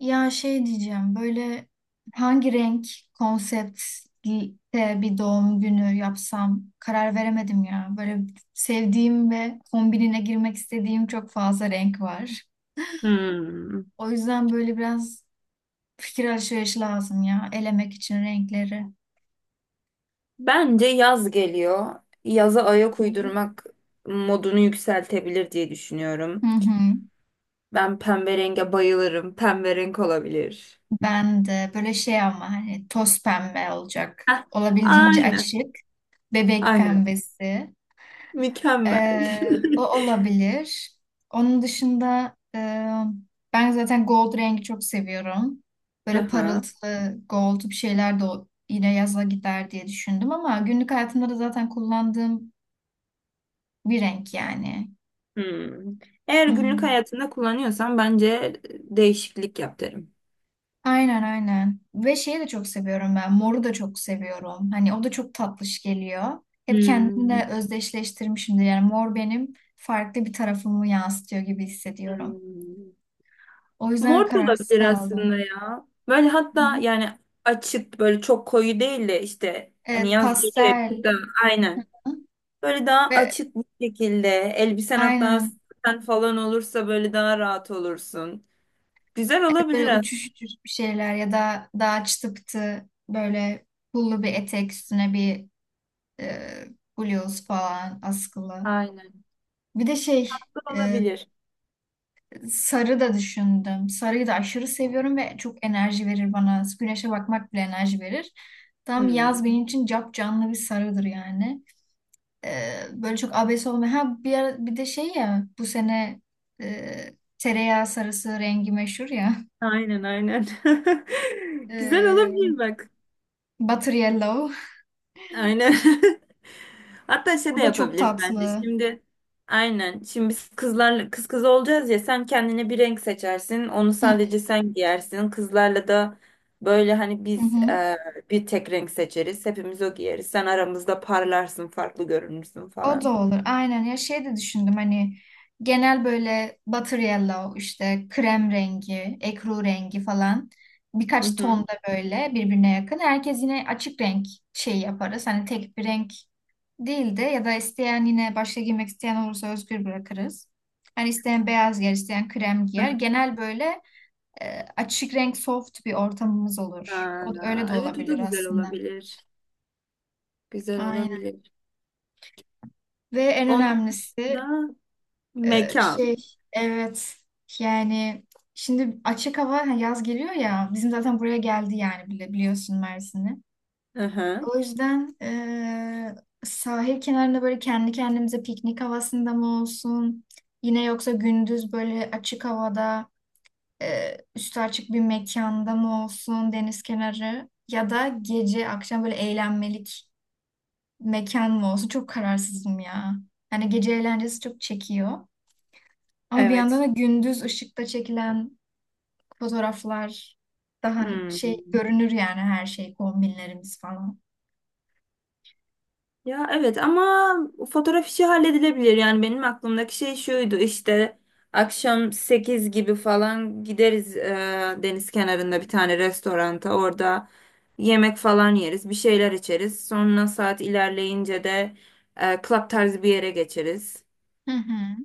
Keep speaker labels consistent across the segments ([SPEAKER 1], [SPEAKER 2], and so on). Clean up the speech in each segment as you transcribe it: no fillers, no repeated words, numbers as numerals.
[SPEAKER 1] Şey diyeceğim böyle hangi renk konseptte bir doğum günü yapsam karar veremedim ya. Böyle sevdiğim ve kombinine girmek istediğim çok fazla renk var.
[SPEAKER 2] Hmm.
[SPEAKER 1] O yüzden böyle biraz fikir alışverişi lazım ya elemek için renkleri.
[SPEAKER 2] Bence yaz geliyor. Yaza
[SPEAKER 1] Hı
[SPEAKER 2] ayak
[SPEAKER 1] hı.
[SPEAKER 2] uydurmak modunu yükseltebilir diye
[SPEAKER 1] Hı
[SPEAKER 2] düşünüyorum.
[SPEAKER 1] hı.
[SPEAKER 2] Ben pembe renge bayılırım. Pembe renk olabilir.
[SPEAKER 1] Ben de böyle şey ama hani toz pembe olacak.
[SPEAKER 2] Heh,
[SPEAKER 1] Olabildiğince
[SPEAKER 2] aynen.
[SPEAKER 1] açık. Bebek
[SPEAKER 2] Aynen.
[SPEAKER 1] pembesi.
[SPEAKER 2] Mükemmel.
[SPEAKER 1] O olabilir. Onun dışında ben zaten gold rengi çok seviyorum. Böyle
[SPEAKER 2] Aha.
[SPEAKER 1] parıltılı gold bir şeyler de yine yaza gider diye düşündüm ama günlük hayatımda da zaten kullandığım bir renk yani.
[SPEAKER 2] Hmm. Eğer günlük
[SPEAKER 1] Hmm,
[SPEAKER 2] hayatında kullanıyorsan bence değişiklik yap derim.
[SPEAKER 1] aynen aynen. Ve şeyi de çok seviyorum ben. Moru da çok seviyorum. Hani o da çok tatlış geliyor. Hep kendimle
[SPEAKER 2] Hmm.
[SPEAKER 1] özdeşleştirmişimdir. Yani mor benim farklı bir tarafımı yansıtıyor gibi hissediyorum.
[SPEAKER 2] Hmm.
[SPEAKER 1] O yüzden
[SPEAKER 2] Mor da
[SPEAKER 1] kararsız
[SPEAKER 2] olabilir aslında
[SPEAKER 1] kaldım.
[SPEAKER 2] ya. Böyle
[SPEAKER 1] Hı.
[SPEAKER 2] hatta yani açık böyle çok koyu değil de işte hani
[SPEAKER 1] Evet,
[SPEAKER 2] yaz geliyor hep
[SPEAKER 1] pastel
[SPEAKER 2] burada aynen. Böyle daha
[SPEAKER 1] ve
[SPEAKER 2] açık bir şekilde elbisen hatta
[SPEAKER 1] aynen
[SPEAKER 2] saten falan olursa böyle daha rahat olursun. Güzel
[SPEAKER 1] evet,
[SPEAKER 2] olabilir
[SPEAKER 1] böyle
[SPEAKER 2] aslında.
[SPEAKER 1] uçuş uçuş bir şeyler ya da daha çıtıktı böyle pullu bir etek üstüne bir e, bluz falan askılı.
[SPEAKER 2] Aynen.
[SPEAKER 1] Bir de şey,
[SPEAKER 2] Güzel
[SPEAKER 1] e,
[SPEAKER 2] olabilir.
[SPEAKER 1] sarı da düşündüm. Sarıyı da aşırı seviyorum ve çok enerji verir bana. Güneşe bakmak bile enerji verir. Tam yaz
[SPEAKER 2] Hmm.
[SPEAKER 1] benim için cap canlı bir sarıdır yani. Böyle çok abes olmayan. Ha bir ara, bir de şey ya bu sene tereyağı sarısı rengi meşhur ya.
[SPEAKER 2] Aynen aynen. Güzel
[SPEAKER 1] E,
[SPEAKER 2] olabilir bak.
[SPEAKER 1] Butter Yellow.
[SPEAKER 2] Aynen. Hatta şey
[SPEAKER 1] O
[SPEAKER 2] de
[SPEAKER 1] da çok
[SPEAKER 2] yapabiliriz bence.
[SPEAKER 1] tatlı.
[SPEAKER 2] Şimdi aynen. Şimdi biz kızlarla kız kız olacağız ya sen kendine bir renk seçersin. Onu
[SPEAKER 1] Hı
[SPEAKER 2] sadece sen giyersin. Kızlarla da böyle hani
[SPEAKER 1] hı.
[SPEAKER 2] biz
[SPEAKER 1] Hı.
[SPEAKER 2] bir tek renk seçeriz. Hepimiz o giyeriz. Sen aramızda parlarsın, farklı görünürsün
[SPEAKER 1] O da
[SPEAKER 2] falan.
[SPEAKER 1] olur. Aynen ya şey de düşündüm hani genel böyle butter yellow işte krem rengi, ekru rengi falan
[SPEAKER 2] Hı
[SPEAKER 1] birkaç ton
[SPEAKER 2] hı.
[SPEAKER 1] da böyle birbirine yakın. Herkes yine açık renk şey yaparız. Hani tek bir renk değil de ya da isteyen yine başka giymek isteyen olursa özgür bırakırız. Hani isteyen beyaz giyer, isteyen krem giyer. Genel böyle açık renk soft bir ortamımız olur. O, öyle de
[SPEAKER 2] Aa, evet o da
[SPEAKER 1] olabilir
[SPEAKER 2] güzel
[SPEAKER 1] aslında.
[SPEAKER 2] olabilir. Güzel
[SPEAKER 1] Aynen.
[SPEAKER 2] olabilir.
[SPEAKER 1] Ve en
[SPEAKER 2] Onun
[SPEAKER 1] önemlisi
[SPEAKER 2] dışında
[SPEAKER 1] e,
[SPEAKER 2] mekan.
[SPEAKER 1] şey evet, yani şimdi açık hava, ha, yaz geliyor ya bizim zaten buraya geldi yani bile biliyorsun Mersin'i.
[SPEAKER 2] Hı hı.
[SPEAKER 1] O yüzden sahil kenarında böyle kendi kendimize piknik havasında mı olsun? Yine yoksa gündüz böyle açık havada üstü açık bir mekanda mı olsun deniz kenarı? Ya da gece akşam böyle eğlenmelik mekan mı olsun? Çok kararsızım ya. Hani gece eğlencesi çok çekiyor. Ama bir yandan
[SPEAKER 2] Evet.
[SPEAKER 1] da gündüz ışıkta çekilen fotoğraflar daha şey
[SPEAKER 2] Hmm.
[SPEAKER 1] görünür yani her şey, kombinlerimiz falan.
[SPEAKER 2] Ya evet ama fotoğraf işi halledilebilir. Yani benim aklımdaki şey şuydu işte akşam 8 gibi falan gideriz deniz kenarında bir tane restoranta. Orada yemek falan yeriz, bir şeyler içeriz. Sonra saat ilerleyince de club tarzı bir yere geçeriz.
[SPEAKER 1] Hı hı.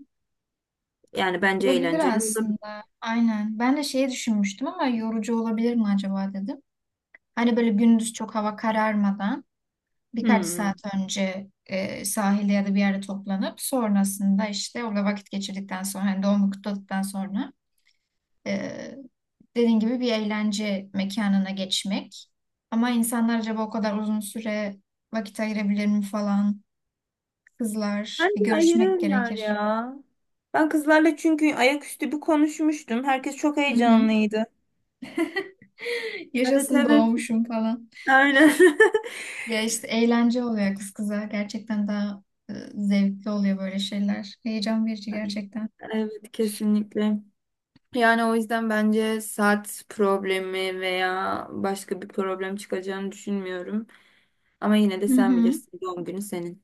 [SPEAKER 2] Yani bence
[SPEAKER 1] Olabilir
[SPEAKER 2] eğlenceli olabilir.
[SPEAKER 1] aslında. Aynen. Ben de şeyi düşünmüştüm ama yorucu olabilir mi acaba dedim. Hani böyle gündüz çok hava kararmadan birkaç
[SPEAKER 2] Hmm.
[SPEAKER 1] saat önce sahilde ya da bir yerde toplanıp sonrasında işte orada vakit geçirdikten sonra hani doğumu kutladıktan sonra e, dediğin gibi bir eğlence mekanına geçmek. Ama insanlar acaba o kadar uzun süre vakit ayırabilir mi falan. Kızlar bir
[SPEAKER 2] Bence
[SPEAKER 1] görüşmek
[SPEAKER 2] ayırırlar
[SPEAKER 1] gerekir.
[SPEAKER 2] ya. Ben kızlarla çünkü ayaküstü bir konuşmuştum. Herkes çok
[SPEAKER 1] Hı hı.
[SPEAKER 2] heyecanlıydı. Evet
[SPEAKER 1] Yaşasın
[SPEAKER 2] evet.
[SPEAKER 1] doğmuşum falan.
[SPEAKER 2] Aynen.
[SPEAKER 1] Ya işte eğlence oluyor kız kıza. Gerçekten daha zevkli oluyor böyle şeyler. Heyecan verici gerçekten.
[SPEAKER 2] Evet kesinlikle. Yani o yüzden bence saat problemi veya başka bir problem çıkacağını düşünmüyorum. Ama yine de
[SPEAKER 1] Hı
[SPEAKER 2] sen
[SPEAKER 1] hı.
[SPEAKER 2] bilirsin doğum günü senin.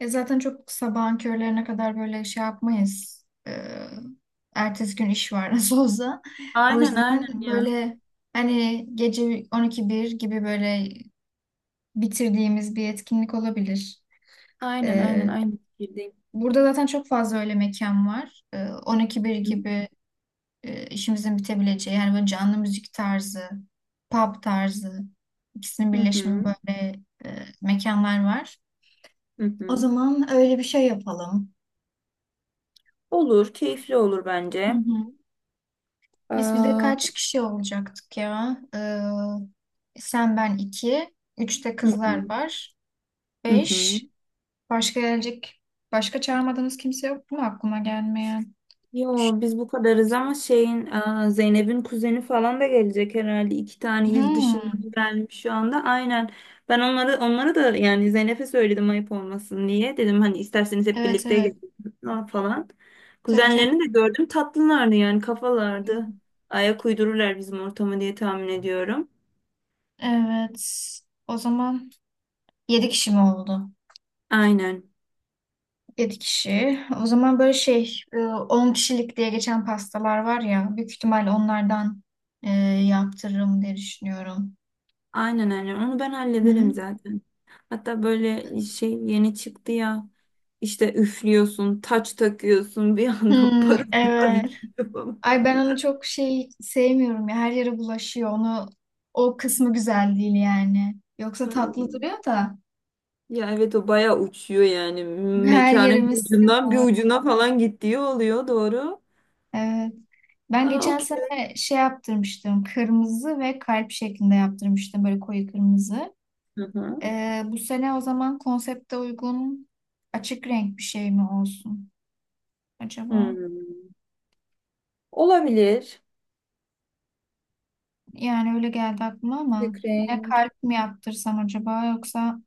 [SPEAKER 1] E zaten çok sabahın körlerine kadar böyle şey yapmayız. Ertesi gün iş var nasıl olsa. O
[SPEAKER 2] Aynen aynen
[SPEAKER 1] yüzden
[SPEAKER 2] ya.
[SPEAKER 1] böyle hani gece 12-1 gibi böyle bitirdiğimiz bir etkinlik olabilir.
[SPEAKER 2] Aynen aynen
[SPEAKER 1] E,
[SPEAKER 2] aynı fikirdeyim.
[SPEAKER 1] Burada zaten çok fazla öyle mekan var. 12-1
[SPEAKER 2] Hı
[SPEAKER 1] gibi işimizin bitebileceği yani böyle canlı müzik tarzı, pub tarzı ikisinin
[SPEAKER 2] hı hı
[SPEAKER 1] birleşimi
[SPEAKER 2] hı.
[SPEAKER 1] böyle mekanlar var.
[SPEAKER 2] Hı.
[SPEAKER 1] O
[SPEAKER 2] Hı.
[SPEAKER 1] zaman öyle bir şey yapalım.
[SPEAKER 2] Olur, keyifli olur
[SPEAKER 1] Hı
[SPEAKER 2] bence.
[SPEAKER 1] hı. Biz bir de
[SPEAKER 2] Aa,
[SPEAKER 1] kaç kişi olacaktık ya? Sen ben iki, üç de
[SPEAKER 2] hı hı
[SPEAKER 1] kızlar var,
[SPEAKER 2] hı hı.
[SPEAKER 1] beş. Başka gelecek, başka çağırmadığımız kimse yok mu aklıma gelmeyen?
[SPEAKER 2] Yo biz bu kadarız ama şeyin Zeynep'in kuzeni falan da gelecek herhalde. İki tane il
[SPEAKER 1] Hmm,
[SPEAKER 2] dışından gelmiş şu anda. Aynen. Ben onları da yani Zeynep'e söyledim ayıp olmasın diye. Dedim hani isterseniz hep
[SPEAKER 1] evet
[SPEAKER 2] birlikte
[SPEAKER 1] evet.
[SPEAKER 2] gelin falan.
[SPEAKER 1] Tabii canım.
[SPEAKER 2] Kuzenlerini de gördüm tatlılardı yani kafalardı. Ayak uydururlar bizim ortamı diye tahmin ediyorum.
[SPEAKER 1] Evet. O zaman yedi kişi mi oldu?
[SPEAKER 2] Aynen.
[SPEAKER 1] 7 kişi. O zaman böyle şey, 10 kişilik diye geçen pastalar var ya, büyük ihtimal onlardan e, yaptırırım diye düşünüyorum.
[SPEAKER 2] Aynen aynen onu ben
[SPEAKER 1] Hı
[SPEAKER 2] hallederim
[SPEAKER 1] hı.
[SPEAKER 2] zaten. Hatta böyle şey yeni çıktı ya işte üflüyorsun, taç takıyorsun bir anda
[SPEAKER 1] Hmm,
[SPEAKER 2] parıltı
[SPEAKER 1] evet.
[SPEAKER 2] parlıyor falan.
[SPEAKER 1] Ay ben onu çok şey sevmiyorum ya. Her yere bulaşıyor. O kısmı güzel değil yani. Yoksa tatlı
[SPEAKER 2] Ha.
[SPEAKER 1] duruyor da
[SPEAKER 2] Ya evet o bayağı uçuyor yani
[SPEAKER 1] her
[SPEAKER 2] mekanın bir
[SPEAKER 1] yerimiz sim
[SPEAKER 2] ucundan bir
[SPEAKER 1] olur.
[SPEAKER 2] ucuna falan gittiği oluyor doğru.
[SPEAKER 1] Evet. Ben
[SPEAKER 2] Aa,
[SPEAKER 1] geçen
[SPEAKER 2] okey.
[SPEAKER 1] sene şey yaptırmıştım. Kırmızı ve kalp şeklinde yaptırmıştım. Böyle koyu kırmızı.
[SPEAKER 2] Hı hı.
[SPEAKER 1] Bu sene o zaman konsepte uygun açık renk bir şey mi olsun acaba?
[SPEAKER 2] Hmm. Olabilir.
[SPEAKER 1] Yani öyle geldi aklıma ama
[SPEAKER 2] Açık
[SPEAKER 1] yine
[SPEAKER 2] renk.
[SPEAKER 1] kalp mi yaptırsam acaba, yoksa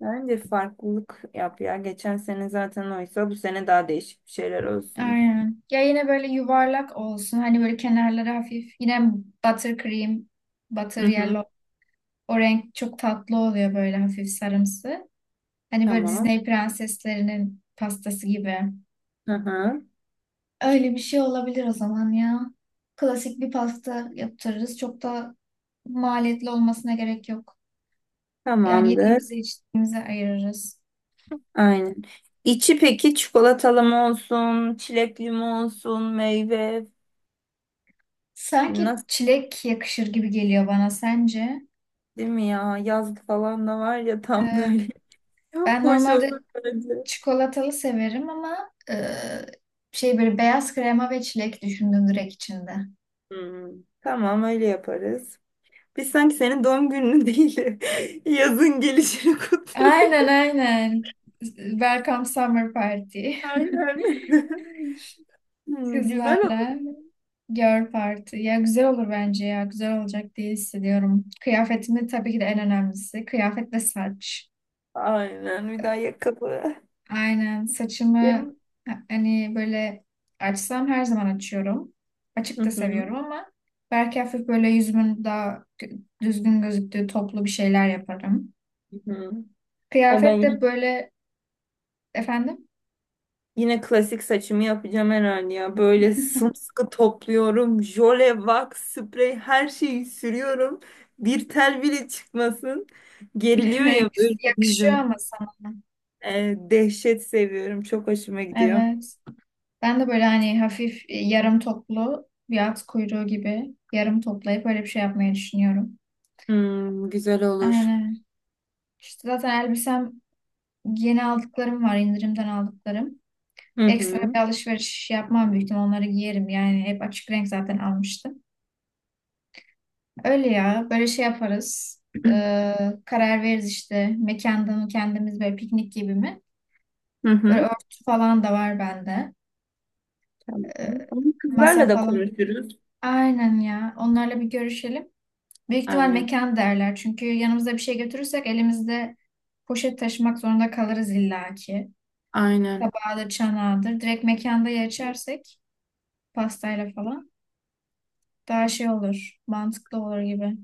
[SPEAKER 2] Bence farklılık yap ya. Geçen sene zaten oysa bu sene daha değişik bir şeyler olsun.
[SPEAKER 1] aynen. Ya yine böyle yuvarlak olsun. Hani böyle kenarları hafif. Yine butter cream, butter
[SPEAKER 2] Hı hı.
[SPEAKER 1] yellow. O renk çok tatlı oluyor böyle hafif sarımsı. Hani böyle
[SPEAKER 2] Tamam.
[SPEAKER 1] Disney prenseslerinin pastası gibi.
[SPEAKER 2] Hı hı.
[SPEAKER 1] Öyle bir şey olabilir o zaman ya. Klasik bir pasta yaptırırız. Çok da maliyetli olmasına gerek yok. Yani
[SPEAKER 2] Tamamdır.
[SPEAKER 1] yediğimize içtiğimize ayırırız.
[SPEAKER 2] Aynen. İçi peki çikolatalı mı olsun, çilekli mi olsun, meyve
[SPEAKER 1] Sanki
[SPEAKER 2] nasıl,
[SPEAKER 1] çilek yakışır gibi geliyor bana, sence?
[SPEAKER 2] değil mi ya? Yazlık falan da var ya tam
[SPEAKER 1] Evet.
[SPEAKER 2] böyle.
[SPEAKER 1] Ben
[SPEAKER 2] Hoş olur
[SPEAKER 1] normalde
[SPEAKER 2] bence.
[SPEAKER 1] çikolatalı severim ama şey böyle beyaz krema ve çilek düşündüm direkt içinde.
[SPEAKER 2] Hmm. Tamam öyle yaparız. Biz sanki senin doğum gününü değil, de yazın gelişini
[SPEAKER 1] Aynen
[SPEAKER 2] kutluyoruz.
[SPEAKER 1] aynen. Welcome Summer Party.
[SPEAKER 2] Aynen. Hmm, güzel olur.
[SPEAKER 1] Kızlarla. Girl Party. Ya güzel olur bence ya. Güzel olacak diye hissediyorum. Kıyafetimi tabii ki de en önemlisi. Kıyafet ve saç.
[SPEAKER 2] Aynen. Bir daha yakalı.
[SPEAKER 1] Aynen. Saçımı
[SPEAKER 2] Yem-
[SPEAKER 1] hani böyle açsam her zaman açıyorum.
[SPEAKER 2] Hı
[SPEAKER 1] Açık da
[SPEAKER 2] hı.
[SPEAKER 1] seviyorum ama belki hafif böyle yüzümün daha düzgün gözüktüğü toplu bir şeyler yaparım.
[SPEAKER 2] Hı hı. Ay,
[SPEAKER 1] Kıyafet
[SPEAKER 2] Ben
[SPEAKER 1] de böyle, efendim,
[SPEAKER 2] Yine klasik saçımı yapacağım herhalde ya. Böyle sımsıkı topluyorum. Jöle, wax, sprey her şeyi sürüyorum. Bir tel bile çıkmasın. Geriliyor ya böyle
[SPEAKER 1] yakışıyor
[SPEAKER 2] bizim.
[SPEAKER 1] ama sana.
[SPEAKER 2] Dehşet seviyorum. Çok hoşuma gidiyor.
[SPEAKER 1] Evet. Ben de böyle hani hafif yarım toplu bir at kuyruğu gibi yarım toplayıp öyle bir şey yapmayı düşünüyorum.
[SPEAKER 2] Hmm, güzel olur.
[SPEAKER 1] Aynen. İşte zaten elbisem yeni aldıklarım var, indirimden aldıklarım.
[SPEAKER 2] Hı
[SPEAKER 1] Ekstra
[SPEAKER 2] hı.
[SPEAKER 1] bir alışveriş yapmam, büyük ihtimal onları giyerim. Yani hep açık renk zaten almıştım. Öyle ya böyle şey yaparız. Ee, Karar veririz işte mekanda mı, kendimiz böyle piknik gibi mi?
[SPEAKER 2] Hı
[SPEAKER 1] Böyle
[SPEAKER 2] hı.
[SPEAKER 1] örtü falan da var bende.
[SPEAKER 2] Tamam.
[SPEAKER 1] Ee,
[SPEAKER 2] Ama
[SPEAKER 1] Masa
[SPEAKER 2] kızlarla da
[SPEAKER 1] falan.
[SPEAKER 2] konuşuruz.
[SPEAKER 1] Aynen ya, onlarla bir görüşelim. Büyük ihtimal
[SPEAKER 2] Aynen.
[SPEAKER 1] mekan derler. Çünkü yanımızda bir şey götürürsek elimizde poşet taşımak zorunda kalırız illaki.
[SPEAKER 2] Aynen.
[SPEAKER 1] Tabağıdır, çanağıdır. Direkt mekanda ya içersek pastayla falan daha şey olur. Mantıklı olur gibi.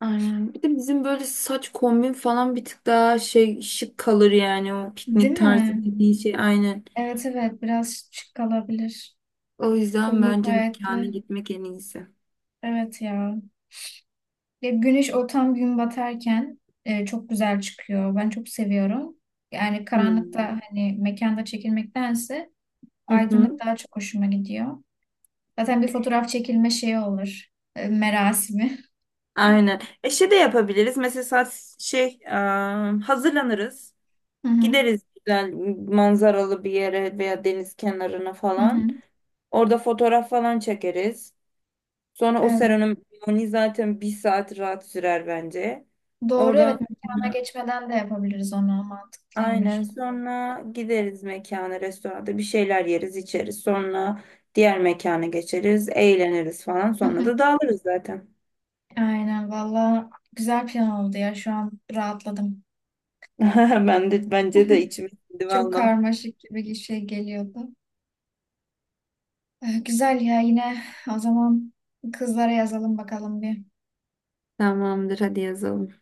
[SPEAKER 2] Aynen. Bir de bizim böyle saç kombin falan bir tık daha şey şık kalır yani o
[SPEAKER 1] Değil
[SPEAKER 2] piknik tarzı
[SPEAKER 1] mi?
[SPEAKER 2] dediği şey. Aynen.
[SPEAKER 1] Evet evet, biraz şık kalabilir.
[SPEAKER 2] O yüzden
[SPEAKER 1] Pullu
[SPEAKER 2] bence mekana
[SPEAKER 1] payetli.
[SPEAKER 2] gitmek en iyisi.
[SPEAKER 1] Evet ya. Ya güneş o tam gün batarken çok güzel çıkıyor. Ben çok seviyorum. Yani
[SPEAKER 2] Hmm.
[SPEAKER 1] karanlıkta hani mekanda çekilmektense
[SPEAKER 2] Hı
[SPEAKER 1] aydınlık
[SPEAKER 2] hı.
[SPEAKER 1] daha çok hoşuma gidiyor. Zaten bir fotoğraf çekilme şeyi olur. Merasimi.
[SPEAKER 2] Aynen. E şey de yapabiliriz. Mesela hazırlanırız.
[SPEAKER 1] Hı hı.
[SPEAKER 2] Gideriz güzel manzaralı bir yere veya deniz kenarına
[SPEAKER 1] Hı hı.
[SPEAKER 2] falan. Orada fotoğraf falan çekeriz. Sonra o
[SPEAKER 1] Evet.
[SPEAKER 2] seremoni zaten bir saat rahat sürer bence.
[SPEAKER 1] Doğru
[SPEAKER 2] Oradan
[SPEAKER 1] evet. Mekana geçmeden de yapabiliriz onu.
[SPEAKER 2] Aynen.
[SPEAKER 1] Mantıklıymış.
[SPEAKER 2] Sonra gideriz mekana, restoranda bir şeyler yeriz, içeriz. Sonra diğer mekana geçeriz, eğleniriz falan.
[SPEAKER 1] Hı
[SPEAKER 2] Sonra
[SPEAKER 1] hı.
[SPEAKER 2] da dağılırız zaten.
[SPEAKER 1] Aynen valla güzel plan oldu ya. Şu an rahatladım.
[SPEAKER 2] Ben de, bence de içim sindi
[SPEAKER 1] Çok
[SPEAKER 2] valla.
[SPEAKER 1] karmaşık gibi bir şey geliyordu. Güzel ya, yine o zaman kızlara yazalım bakalım bir.
[SPEAKER 2] Tamamdır hadi yazalım.